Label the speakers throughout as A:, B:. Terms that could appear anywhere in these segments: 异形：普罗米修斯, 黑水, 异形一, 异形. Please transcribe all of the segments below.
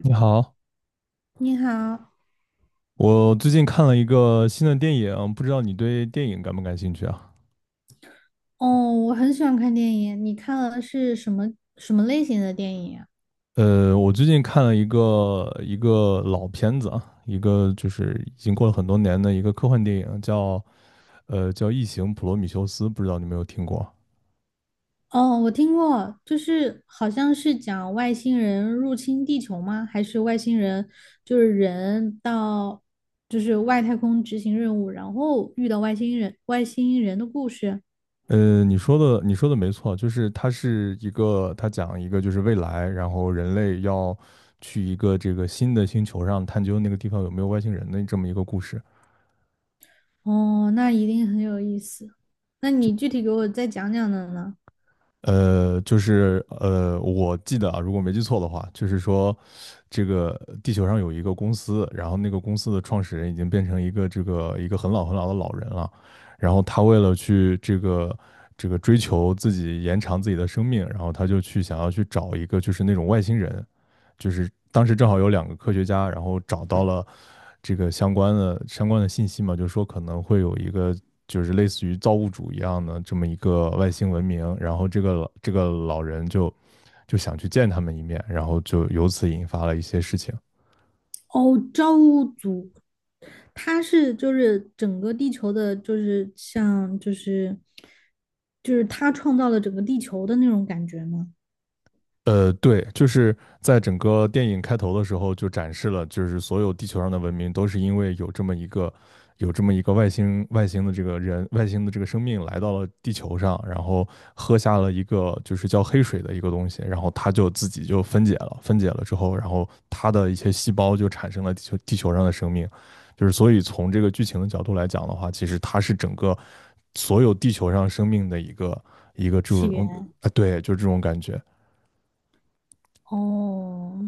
A: 你好，
B: 你好。
A: 我最近看了一个新的电影，不知道你对电影感不感兴趣啊？
B: 哦，我很喜欢看电影。你看了是什么什么类型的电影啊？
A: 我最近看了一个老片子啊，一个就是已经过了很多年的一个科幻电影，叫《异形：普罗米修斯》，不知道你有没有听过？
B: 哦，我听过，就是好像是讲外星人入侵地球吗？还是外星人就是人到就是外太空执行任务，然后遇到外星人的故事？
A: 你说的没错，就是它是一个，它讲一个就是未来，然后人类要去一个这个新的星球上探究那个地方有没有外星人的这么一个故事。
B: 哦，那一定很有意思。那你具体给我再讲讲的呢？
A: 就是我记得啊，如果没记错的话，就是说，这个地球上有一个公司，然后那个公司的创始人已经变成一个很老很老的老人了，然后他为了去这个追求自己延长自己的生命，然后他就去想要去找一个就是那种外星人，就是当时正好有两个科学家，然后找到了这个相关的信息嘛，就是说可能会有一个就是类似于造物主一样的这么一个外星文明，然后这个老人就想去见他们一面，然后就由此引发了一些事情。
B: 哦，造物主，他是就是整个地球的，就是像就是就是他创造了整个地球的那种感觉吗？
A: 对，就是在整个电影开头的时候就展示了，就是所有地球上的文明都是因为有这么一个外星的这个生命来到了地球上，然后喝下了一个就是叫黑水的一个东西，然后它就自己就分解了，分解了之后，然后它的一些细胞就产生了地球上的生命，就是所以从这个剧情的角度来讲的话，其实它是整个所有地球上生命的一个这种
B: 起
A: 啊，
B: 源。
A: 对，就这种感觉，
B: 哦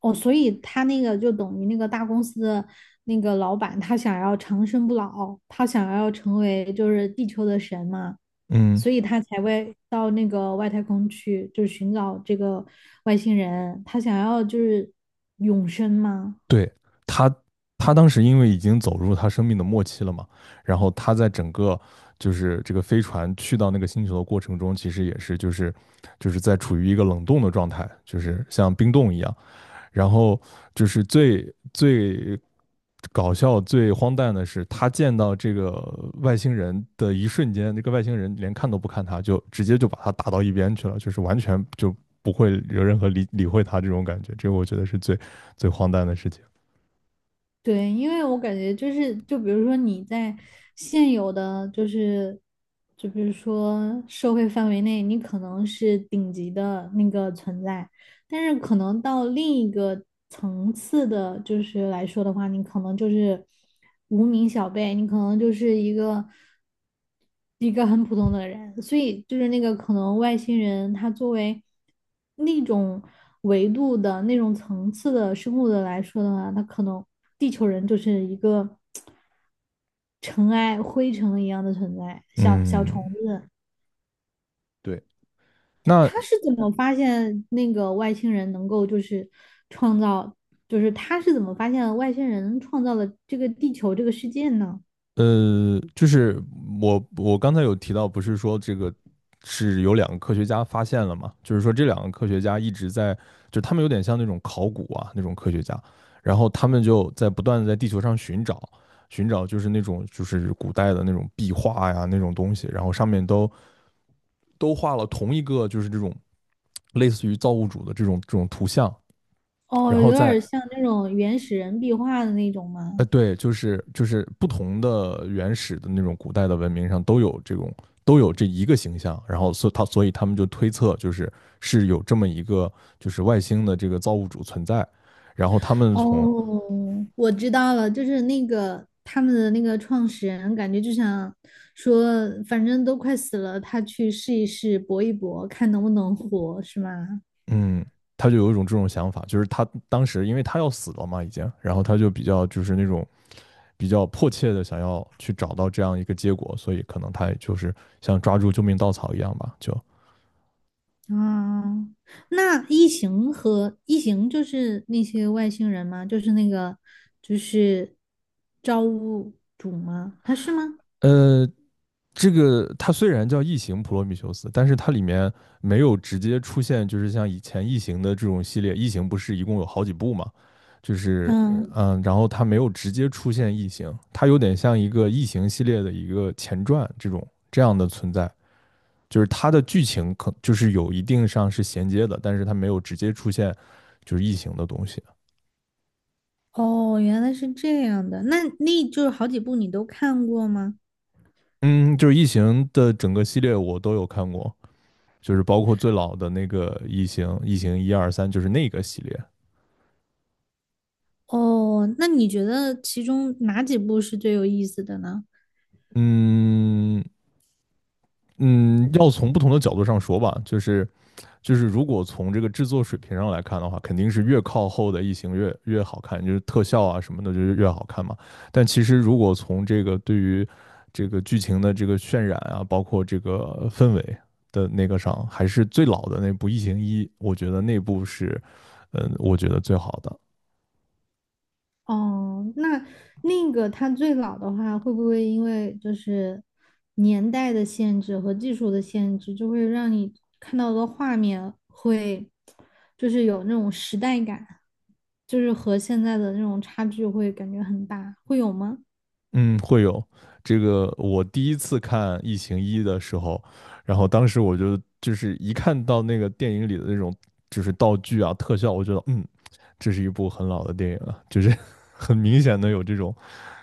B: 哦，所以他那个就等于那个大公司的那个老板，他想要长生不老，他想要成为就是地球的神嘛，
A: 嗯。
B: 所以他才会到那个外太空去，就是寻找这个外星人，他想要就是永生吗？
A: 对，他，他当时因为已经走入他生命的末期了嘛，然后他在整个就是这个飞船去到那个星球的过程中，其实也是就是在处于一个冷冻的状态，就是像冰冻一样。然后就是最搞笑、最荒诞的是，他见到这个外星人的一瞬间，那个外星人连看都不看他，就直接就把他打到一边去了，就是完全就不会有任何理会他这种感觉。这个我觉得是最荒诞的事情。
B: 对，因为我感觉就是，就比如说你在现有的就是，就比如说社会范围内，你可能是顶级的那个存在，但是可能到另一个层次的，就是来说的话，你可能就是无名小辈，你可能就是一个很普通的人，所以就是那个可能外星人，他作为那种维度的那种层次的生物的来说的话，他可能地球人就是一个 尘埃、灰尘一样的存在，小小虫
A: 嗯，
B: 子。
A: 对，那
B: 他是怎么发现那个外星人能够就是创造，就是他是怎么发现外星人创造了这个地球这个世界呢？
A: 就是我刚才有提到，不是说这个是有两个科学家发现了嘛？就是说这两个科学家一直在，就他们有点像那种考古啊那种科学家，然后他们就在不断的在地球上寻找，就是那种就是古代的那种壁画呀那种东西，然后上面都画了同一个就是这种类似于造物主的这种图像，然
B: 哦，
A: 后
B: 有点像那种原始人壁画的那种吗？
A: 对，就是不同的原始的那种古代的文明上都有这一个形象，然后所以他们就推测是有这么一个就是外星的这个造物主存在，然后他们从
B: 哦，我知道了，就是那个他们的那个创始人，感觉就想说，反正都快死了，他去试一试，搏一搏，看能不能活，是吗？
A: 嗯。他就有一种这种想法，就是他当时因为他要死了嘛，已经，然后他就比较就是那种比较迫切的想要去找到这样一个结果，所以可能他也就是像抓住救命稻草一样吧，
B: 啊，那异形和异形就是那些外星人吗？就是那个就是造物主吗？他是吗？
A: 呃，这个它虽然叫异形普罗米修斯，但是它里面没有直接出现，就是像以前异形的这种系列，异形不是一共有好几部嘛？
B: 嗯，
A: 然后它没有直接出现异形，它有点像一个异形系列的一个前传这种这样的存在，就是它的剧情可就是有一定上是衔接的，但是它没有直接出现就是异形的东西。
B: 哦，原来是这样的。那就是好几部你都看过吗？
A: 嗯，就是异形的整个系列我都有看过，就是包括最老的那个异形，异形一二三，就是那个系列。
B: 哦，那你觉得其中哪几部是最有意思的呢？
A: 嗯嗯，要从不同的角度上说吧，就是如果从这个制作水平上来看的话，肯定是越靠后的《异形越》越好看，就是特效啊什么的，就是越好看嘛。但其实如果从这个对于这个剧情的这个渲染啊，包括这个氛围的那个上，还是最老的那部《异形一》，我觉得那部是，我觉得最好的。
B: 哦，那那个它最老的话，会不会因为就是年代的限制和技术的限制，就会让你看到的画面会就是有那种时代感，就是和现在的那种差距会感觉很大，会有吗？
A: 嗯，会有这个。我第一次看《异形一》的时候，然后当时我就是一看到那个电影里的那种就是道具啊、特效，我觉得这是一部很老的电影了，就是 很明显的有这种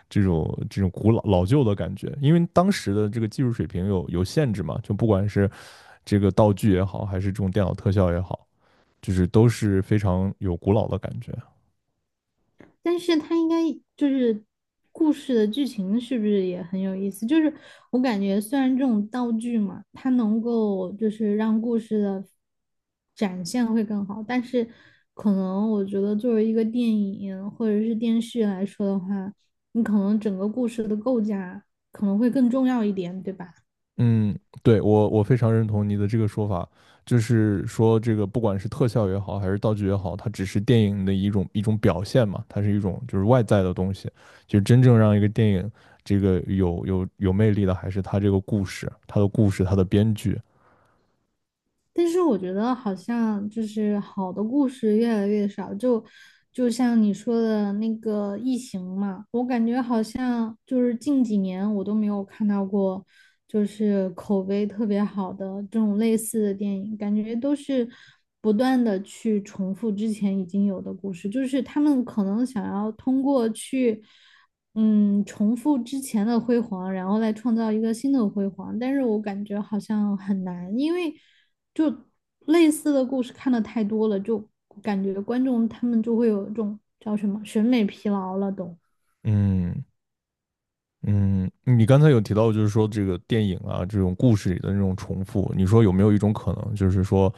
A: 这种这种古老老旧的感觉。因为当时的这个技术水平有限制嘛，就不管是这个道具也好，还是这种电脑特效也好，就是都是非常有古老的感觉。
B: 但是它应该就是故事的剧情是不是也很有意思？就是我感觉虽然这种道具嘛，它能够就是让故事的展现会更好，但是可能我觉得作为一个电影或者是电视来说的话，你可能整个故事的构架可能会更重要一点，对吧？
A: 嗯，对我非常认同你的这个说法，就是说这个不管是特效也好，还是道具也好，它只是电影的一种表现嘛，它是一种就是外在的东西，就是真正让一个电影这个有魅力的，还是它这个故事，它的故事，它的编剧。
B: 但是我觉得好像就是好的故事越来越少，就像你说的那个《异形》嘛，我感觉好像就是近几年我都没有看到过，就是口碑特别好的这种类似的电影，感觉都是不断的去重复之前已经有的故事，就是他们可能想要通过去。嗯，重复之前的辉煌，然后再创造一个新的辉煌，但是我感觉好像很难，因为就类似的故事看的太多了，就感觉观众他们就会有一种叫什么审美疲劳了都。
A: 嗯，嗯，你刚才有提到，就是说这个电影啊，这种故事里的那种重复，你说有没有一种可能，就是说，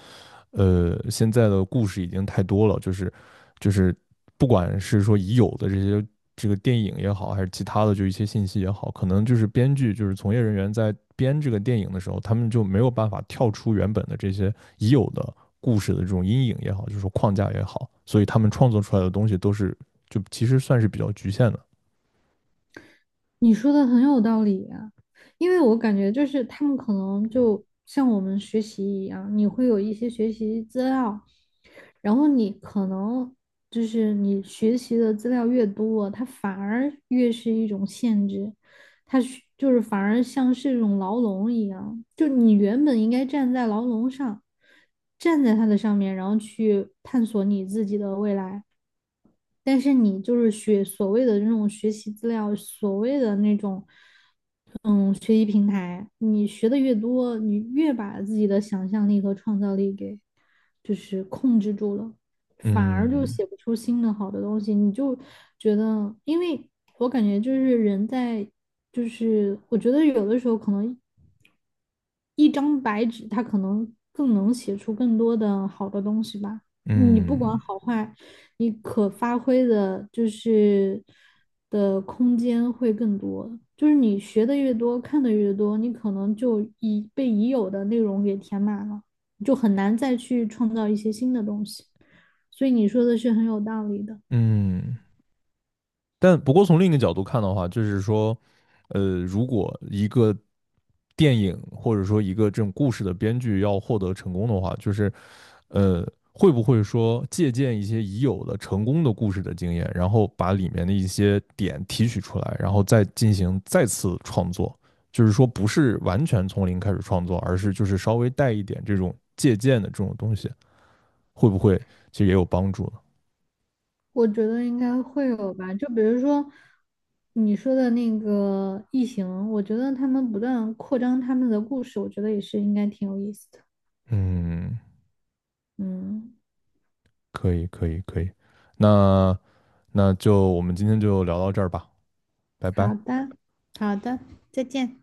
A: 现在的故事已经太多了，就是不管是说已有的这个电影也好，还是其他的就一些信息也好，可能就是编剧就是从业人员在编这个电影的时候，他们就没有办法跳出原本的这些已有的故事的这种阴影也好，就是说框架也好，所以他们创作出来的东西都是就其实算是比较局限的。
B: 你说的很有道理啊，因为我感觉就是他们可能就像我们学习一样，你会有一些学习资料，然后你可能就是你学习的资料越多，它反而越是一种限制，它是就是反而像是一种牢笼一样，就你原本应该站在牢笼上，站在它的上面，然后去探索你自己的未来。但是你就是学所谓的那种学习资料，所谓的那种，嗯，学习平台，你学的越多，你越把自己的想象力和创造力给就是控制住了，反而就
A: 嗯，
B: 写不出新的好的东西。你就觉得，因为我感觉就是人在，就是我觉得有的时候可能一张白纸，它可能更能写出更多的好的东西吧。你不管
A: 嗯
B: 好坏，你可发挥的就是的空间会更多。就是你学的越多，看的越多，你可能就已被已有的内容给填满了，就很难再去创造一些新的东西。所以你说的是很有道理的。
A: 嗯，但不过从另一个角度看的话，就是说，如果一个电影或者说一个这种故事的编剧要获得成功的话，就是呃，会不会说借鉴一些已有的成功的故事的经验，然后把里面的一些点提取出来，然后再进行再次创作？就是说，不是完全从零开始创作，而是就是稍微带一点这种借鉴的这种东西，会不会其实也有帮助呢？
B: 我觉得应该会有吧，就比如说你说的那个异形，我觉得他们不断扩张他们的故事，我觉得也是应该挺有意思的。
A: 嗯，
B: 嗯，
A: 可以，可以，可以。那那就我们今天就聊到这儿吧，拜
B: 好
A: 拜。
B: 的，好的，再见。